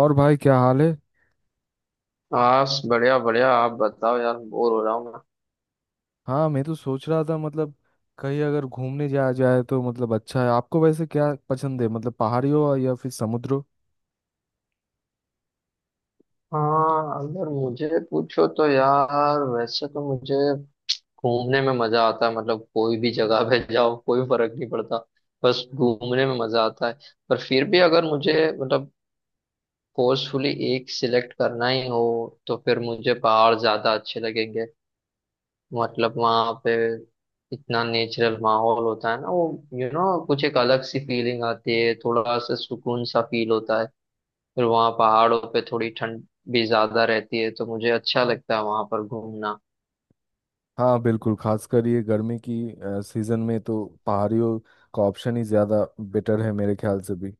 और भाई क्या हाल है। बस बढ़िया बढ़िया आप बताओ यार बोर हो रहा हूँ मैं। हाँ, मैं तो सोच रहा था मतलब कहीं अगर घूमने जाया जाए तो मतलब अच्छा है। आपको वैसे क्या पसंद है मतलब पहाड़ी हो या फिर समुद्र हो। हाँ, अगर मुझे पूछो तो यार, वैसे तो मुझे घूमने में मजा आता है। मतलब कोई भी जगह पे जाओ, कोई फर्क नहीं पड़ता, बस घूमने में मजा आता है। पर फिर भी अगर मुझे मतलब फोर्सफुली एक सिलेक्ट करना ही हो तो फिर मुझे पहाड़ ज्यादा अच्छे लगेंगे। मतलब वहां पे इतना नेचुरल माहौल होता है ना वो, यू you नो know, कुछ एक अलग सी फीलिंग आती है, थोड़ा सा सुकून सा फील होता है। फिर वहाँ पहाड़ों पे थोड़ी ठंड भी ज्यादा रहती है तो मुझे अच्छा लगता है वहां पर घूमना। हाँ बिल्कुल, खासकर ये गर्मी की सीजन में तो पहाड़ियों का ऑप्शन ही ज़्यादा बेटर है मेरे ख्याल से भी।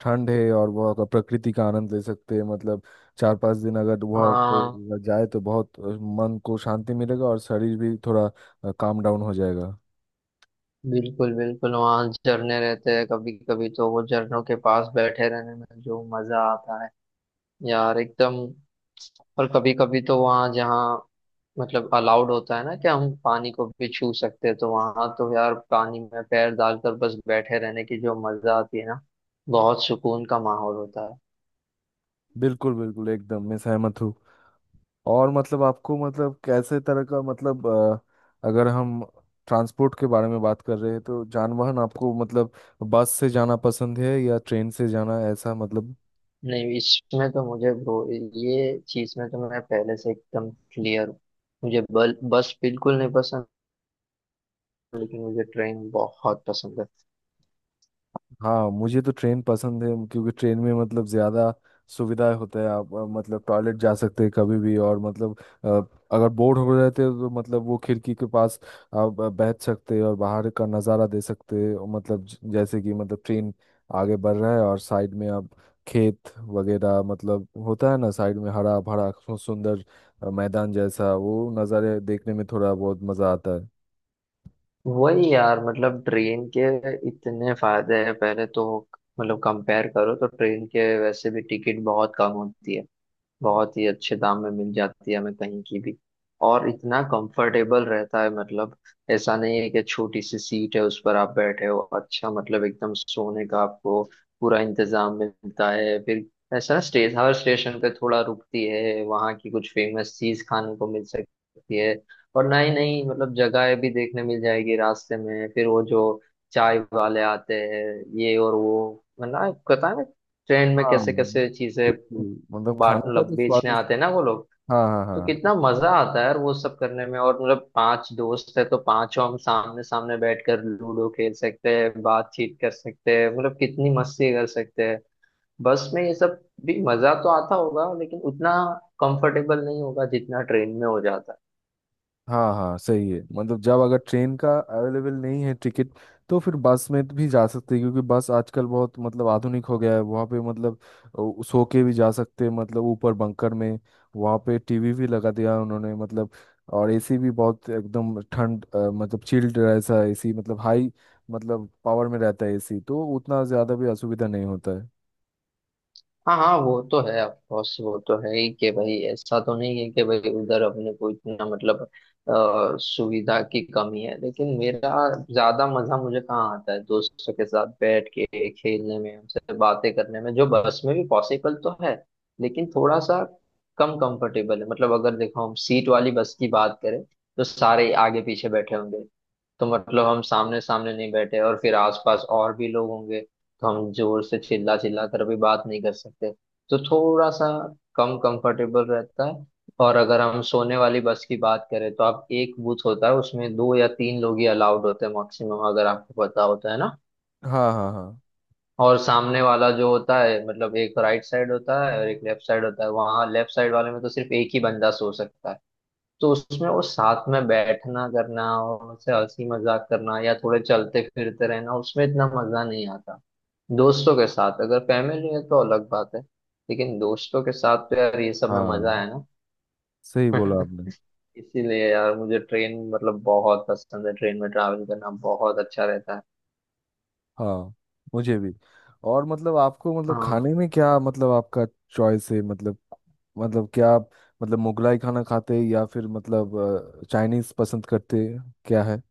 ठंड है और वह का प्रकृति का आनंद ले सकते हैं मतलब चार पांच दिन अगर वह हाँ, पे जाए तो बहुत मन को शांति मिलेगा और शरीर भी थोड़ा काम डाउन हो जाएगा। बिल्कुल बिल्कुल वहाँ झरने रहते हैं, कभी कभी तो वो झरनों के पास बैठे रहने में जो मजा आता है यार, एकदम। और कभी कभी तो वहाँ जहाँ मतलब अलाउड होता है ना कि हम पानी को भी छू सकते हैं, तो वहाँ तो यार पानी में पैर डालकर बस बैठे रहने की जो मजा आती है ना, बहुत सुकून का माहौल होता है। बिल्कुल बिल्कुल, एकदम मैं सहमत हूँ। और मतलब आपको मतलब कैसे तरह का मतलब अगर हम ट्रांसपोर्ट के बारे में बात कर रहे हैं तो जानवाहन आपको मतलब बस से जाना पसंद है या ट्रेन से जाना, ऐसा मतलब। नहीं, इसमें तो मुझे ब्रो, ये चीज में तो मैं पहले से एकदम क्लियर हूँ। बस बिल्कुल नहीं पसंद, लेकिन मुझे ट्रेन बहुत पसंद है। हाँ मुझे तो ट्रेन पसंद है क्योंकि ट्रेन में मतलब ज़्यादा सुविधाएं होता है। आप मतलब टॉयलेट जा सकते हैं कभी भी, और मतलब अ, अगर बोर हो रहे थे तो मतलब वो खिड़की के पास आप बैठ सकते हैं और बाहर का नज़ारा दे सकते हैं। और मतलब जैसे कि मतलब ट्रेन आगे बढ़ रहा है और साइड में आप खेत वगैरह मतलब होता है ना साइड में हरा भरा सुंदर मैदान जैसा वो नज़ारे देखने में थोड़ा बहुत मज़ा आता है। वही यार, मतलब ट्रेन के इतने फायदे हैं। पहले तो मतलब कंपेयर करो तो ट्रेन के वैसे भी टिकट बहुत कम होती है, बहुत ही अच्छे दाम में मिल जाती है हमें कहीं की भी। और इतना कंफर्टेबल रहता है, मतलब ऐसा नहीं है कि छोटी सी सीट है उस पर आप बैठे हो। अच्छा मतलब एकदम सोने का आपको पूरा इंतजाम मिलता है। फिर ऐसा स्टेशन, हर स्टेशन पे थोड़ा रुकती है, वहाँ की कुछ फेमस चीज खाने को मिल सकती है। और नई नई मतलब जगहें भी देखने मिल जाएगी रास्ते में। फिर वो जो चाय वाले आते हैं ये और वो मतलब, पता है ट्रेन में हाँ कैसे कैसे चीजें बिल्कुल, मतलब बाट खाने का मतलब तो बेचने स्वादिष्ट। आते हैं ना वो लोग, हाँ हाँ तो हाँ। कितना मजा आता है यार वो सब करने में। और मतलब पांच दोस्त है तो पांचों हम सामने सामने बैठकर लूडो खेल सकते हैं, बातचीत कर सकते हैं, मतलब कितनी मस्ती कर सकते हैं। बस में ये सब भी मजा तो आता होगा, लेकिन उतना कंफर्टेबल नहीं होगा जितना ट्रेन में हो जाता है। हाँ हाँ, सही है। मतलब जब अगर ट्रेन का अवेलेबल नहीं है टिकट तो फिर बस में भी जा सकते हैं क्योंकि बस आजकल बहुत मतलब आधुनिक हो गया है। वहाँ पे मतलब सो के भी जा सकते हैं मतलब ऊपर बंकर में। वहाँ पे टीवी भी लगा दिया है उन्होंने मतलब। और एसी भी बहुत एकदम ठंड मतलब चिल्ड ऐसा एसी, मतलब हाई मतलब पावर में रहता है एसी, तो उतना ज़्यादा भी असुविधा नहीं होता है। हाँ हाँ, वो तो है ऑफ कोर्स। वो तो है ही कि भाई, ऐसा तो नहीं है कि भाई उधर अपने को इतना मतलब सुविधा की कमी है। लेकिन मेरा ज्यादा मजा मुझे कहाँ आता है, दोस्तों के साथ बैठ के खेलने में, उनसे बातें करने में, जो बस में भी पॉसिबल तो है लेकिन थोड़ा सा कम कंफर्टेबल है। मतलब अगर देखो हम सीट वाली बस की बात करें, तो सारे आगे पीछे बैठे होंगे, तो मतलब हम सामने सामने नहीं बैठे और फिर आसपास और भी लोग होंगे, तो हम जोर से चिल्ला चिल्ला कर भी बात नहीं कर सकते। तो थोड़ा सा कम कंफर्टेबल रहता है। और अगर हम सोने वाली बस की बात करें तो आप एक बूथ होता है, उसमें दो या तीन लोग ही अलाउड होते हैं मैक्सिमम, अगर आपको पता होता है ना। हाँ हाँ हाँ। और सामने वाला जो होता है मतलब एक राइट साइड होता है और एक लेफ्ट साइड होता है, वहाँ लेफ्ट साइड वाले में तो सिर्फ एक ही बंदा सो सकता है। तो उसमें वो साथ में बैठना करना और उनसे हंसी मजाक करना या थोड़े चलते फिरते रहना, उसमें इतना मजा नहीं आता। दोस्तों के साथ, अगर फैमिली है तो अलग बात है, लेकिन दोस्तों के साथ तो यार ये सब में मजा हाँ, है ना। सही बोला आपने। इसीलिए यार मुझे ट्रेन मतलब बहुत पसंद है, ट्रेन में ट्रैवल करना बहुत अच्छा रहता है। हाँ, मुझे भी। और मतलब आपको मतलब हाँ, खाने में क्या मतलब आपका चॉइस है मतलब, मतलब क्या आप मतलब मुगलाई खाना खाते हैं या फिर मतलब चाइनीज पसंद करते हैं? क्या है।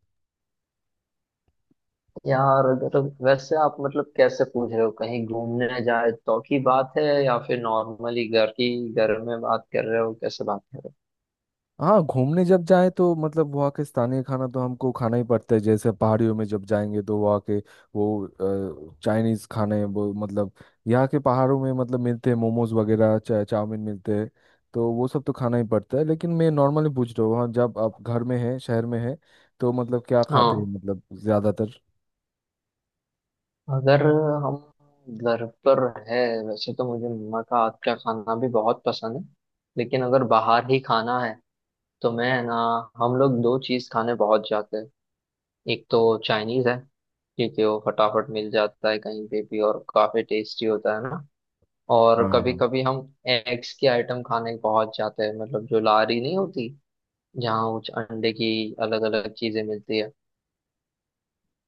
यार अगर, वैसे आप मतलब कैसे पूछ रहे हो? कहीं घूमने जाए तो की बात है या फिर नॉर्मली घर की, घर में बात कर रहे हो, कैसे बात कर रहे हाँ घूमने जब जाएं तो मतलब वहाँ के स्थानीय खाना तो हमको खाना ही पड़ता है। जैसे पहाड़ियों में जब जाएंगे तो वहाँ के वो चाइनीज खाने वो मतलब यहाँ के पहाड़ों में मतलब मिलते हैं मोमोज वगैरह, चाउमीन मिलते हैं। तो वो सब तो खाना ही पड़ता है। लेकिन मैं नॉर्मली पूछ रहा हूँ वहाँ जब आप घर में हैं, शहर में हैं तो मतलब क्या हो? खाते हैं हाँ, मतलब ज़्यादातर। अगर हम घर पर है, वैसे तो मुझे मम्मा का हाथ का खाना भी बहुत पसंद है। लेकिन अगर बाहर ही खाना है तो मैं ना, हम लोग दो चीज खाने पहुंच जाते हैं। एक तो चाइनीज है, क्योंकि वो फटाफट मिल जाता है कहीं पे भी और काफी टेस्टी होता है ना। और हाँ कभी हाँ। कभी हम एग्स की आइटम खाने पहुंच जाते हैं, मतलब जो लारी नहीं होती, जहाँ कुछ अंडे की अलग अलग चीजें मिलती है,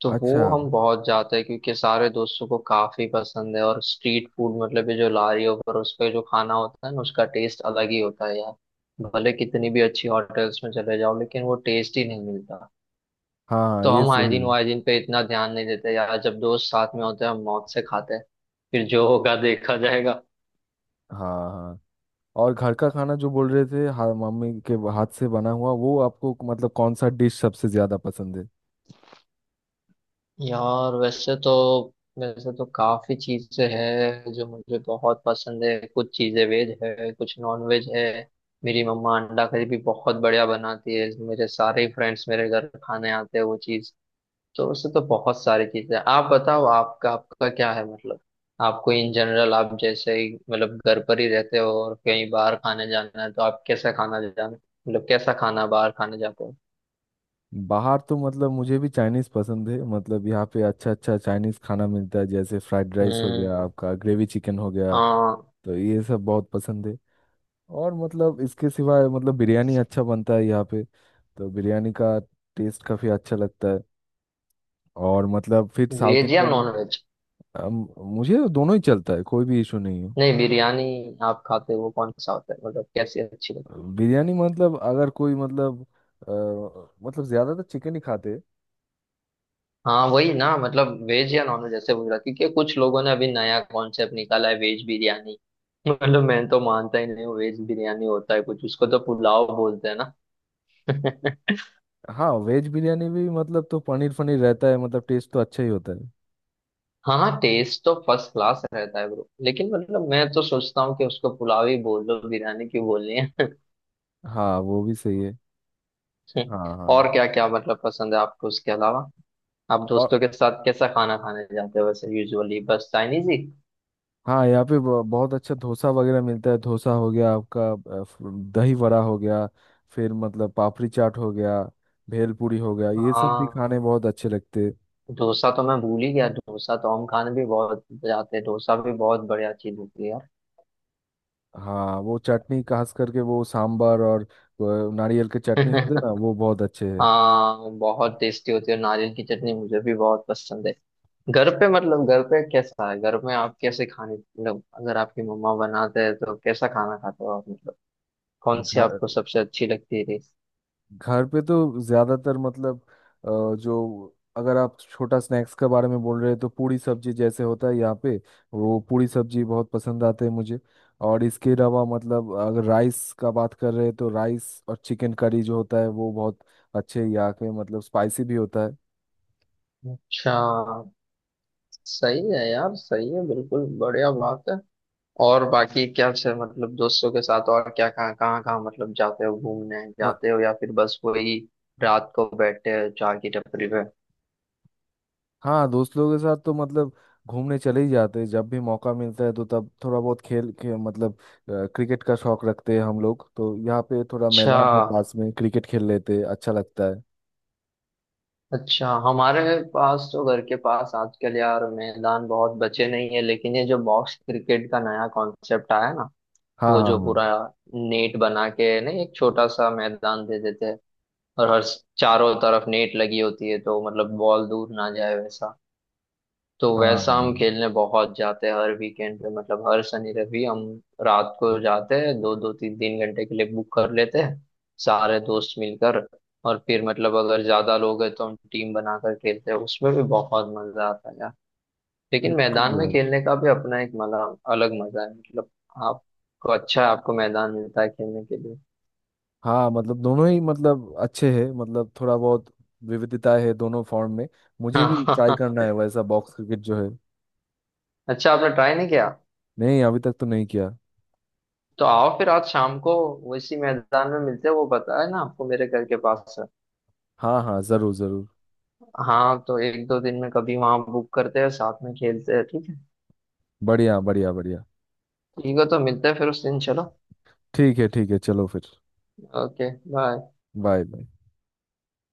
तो अच्छा। वो हम बहुत जाते हैं क्योंकि सारे दोस्तों को काफी पसंद है। और स्ट्रीट फूड मतलब ये जो लारी पर, उस पे जो खाना होता है ना, उसका टेस्ट अलग ही होता है यार। भले कितनी भी अच्छी होटल्स में चले जाओ, लेकिन वो टेस्ट ही नहीं मिलता। हाँ हाँ, तो ये हम सही हाइजीन है। वाइजीन पे इतना ध्यान नहीं देते यार, जब दोस्त साथ में होते हैं हम मौत से खाते हैं, फिर जो होगा देखा जाएगा। हाँ हाँ। और घर का खाना जो बोल रहे थे मम्मी के हाथ से बना हुआ, वो आपको मतलब कौन सा डिश सबसे ज्यादा पसंद है। यार वैसे तो काफी चीजें हैं जो मुझे बहुत पसंद है। कुछ चीजें वेज है, कुछ नॉन वेज है। मेरी मम्मा अंडा करी भी बहुत बढ़िया बनाती है, मेरे सारे फ्रेंड्स मेरे घर खाने आते हैं वो चीज। तो वैसे तो बहुत सारी चीजें हैं। आप बताओ, आपका आपका क्या है मतलब? आपको इन जनरल, आप जैसे ही मतलब घर पर ही रहते हो और कहीं बाहर खाने जाना है तो आप कैसा खाना जाना, मतलब कैसा खाना बाहर खाने जाते हो? बाहर तो मतलब मुझे भी चाइनीज पसंद है। मतलब यहाँ पे अच्छा अच्छा चाइनीज खाना मिलता है जैसे फ्राइड राइस हो गया, हम्म। आपका ग्रेवी चिकन हो गया, हाँ। तो ये सब बहुत पसंद है। और मतलब इसके सिवाय मतलब बिरयानी अच्छा बनता है यहाँ पे, तो बिरयानी का टेस्ट काफ़ी अच्छा लगता है। और मतलब फिर साउथ वेज या इंडियन। Non veg? मुझे दोनों ही चलता है, कोई भी इशू नहीं है। नहीं, बिरयानी आप खाते हो वो कौन सा होता है, मतलब कैसी अच्छी लगती है? बिरयानी मतलब अगर कोई मतलब मतलब ज्यादा तो चिकन ही खाते। हाँ वही ना, मतलब वेज या नॉन वेज ऐसे पूछ रहा, क्योंकि कुछ लोगों ने अभी नया कॉन्सेप्ट निकाला है वेज बिरयानी। मतलब मैं तो मानता ही नहीं हूँ वेज बिरयानी होता है कुछ, उसको तो पुलाव बोलते हैं ना। हाँ, वेज बिरयानी भी मतलब तो पनीर फनीर रहता है, मतलब टेस्ट तो अच्छा ही होता है। हाँ, टेस्ट तो फर्स्ट क्लास रहता है ब्रो, लेकिन मतलब मैं तो सोचता हूँ कि उसको पुलाव ही बोल दो, बिरयानी क्यों बोलनी है। हाँ वो भी सही है। हाँ हाँ। और क्या क्या मतलब पसंद है आपको उसके अलावा? आप दोस्तों और के साथ कैसा खाना खाने जाते हो वैसे यूजुअली, बस चाइनीज ही? हाँ यहाँ पे बहुत अच्छा डोसा वगैरह मिलता है। डोसा हो गया आपका, अ, फ- दही वड़ा हो गया, फिर मतलब पापड़ी चाट हो गया, भेलपूरी हो गया, ये सब भी खाने हाँ, बहुत अच्छे लगते हैं। डोसा तो मैं भूल ही गया। डोसा तो हम खाने भी बहुत जाते हैं, डोसा भी बहुत बढ़िया चीज होती है हाँ वो चटनी खास करके वो सांबर और नारियल के चटनी होते हैं यार। ना, वो बहुत अच्छे हाँ, बहुत टेस्टी होती है नारियल की चटनी, मुझे भी बहुत पसंद है। घर पे मतलब, घर पे कैसा है, घर में आप कैसे खाने, मतलब अगर आपकी मम्मा बनाते हैं तो कैसा खाना खाते हो आप मतलब, कौन सी आपको है। सबसे अच्छी लगती है डिश? घर पे तो ज्यादातर मतलब अ, जो अगर आप छोटा स्नैक्स के बारे में बोल रहे हैं तो पूरी सब्जी जैसे होता है यहाँ पे, वो पूरी सब्जी बहुत पसंद आते हैं मुझे। और इसके अलावा मतलब अगर राइस का बात कर रहे हैं तो राइस और चिकन करी जो होता है वो बहुत अच्छे यहाँ के, मतलब स्पाइसी भी होता अच्छा। सही है यार, सही है, बिल्कुल बढ़िया बात है। और बाकी क्या से मतलब दोस्तों के साथ और क्या कहाँ कहाँ कहाँ मतलब जाते हो, घूमने है। जाते हो या फिर बस वही रात को बैठते हो चाय की टपरी पे? हाँ दोस्त लोगों के साथ तो मतलब घूमने चले ही जाते हैं। जब भी मौका मिलता है तो तब थोड़ा बहुत खेल के मतलब क्रिकेट का शौक रखते हैं हम लोग, तो यहाँ पे थोड़ा अच्छा। मैदान है पास में, क्रिकेट खेल लेते हैं, अच्छा लगता है। अच्छा, हमारे पास तो घर के पास आजकल यार मैदान बहुत बचे नहीं है, लेकिन ये जो बॉक्स क्रिकेट का नया कॉन्सेप्ट आया ना, हाँ वो जो हाँ हाँ। पूरा नेट बना के ना, एक छोटा सा मैदान दे देते हैं और हर चारों तरफ नेट लगी होती है तो मतलब बॉल दूर ना जाए वैसा। तो हाँ हाँ, वैसा हम खेलने बहुत जाते हैं हर वीकेंड पे, मतलब हर शनि रवि हम रात को जाते हैं, दो दो तीन तीन घंटे के लिए बुक कर लेते हैं सारे दोस्त मिलकर। और फिर मतलब अगर ज्यादा लोग हैं तो हम टीम बनाकर खेलते हैं, उसमें भी बहुत मजा आता है यार। लेकिन बिल्कुल मैदान में यार। खेलने का भी अपना एक मजा, अलग मजा है मतलब। आपको अच्छा है, आपको मैदान मिलता है खेलने के लिए। हाँ मतलब दोनों ही मतलब अच्छे हैं, मतलब थोड़ा बहुत विविधता है दोनों फॉर्म में। मुझे भी हाँ। ट्राई करना है वैसा बॉक्स क्रिकेट जो है। अच्छा, आपने ट्राई नहीं किया? नहीं, अभी तक तो नहीं किया। तो आओ फिर आज शाम को उसी मैदान में मिलते हैं, वो पता है ना आपको, मेरे घर के पास। हाँ हाँ, जरूर जरूर। हाँ तो एक दो दिन में कभी वहां बुक करते हैं, साथ में खेलते हैं, ठीक है। बढ़िया बढ़िया बढ़िया। ठीक है, तो मिलते हैं फिर उस दिन, चलो। ठीक है, ठीक है, चलो फिर। Okay, bye. Bye bye.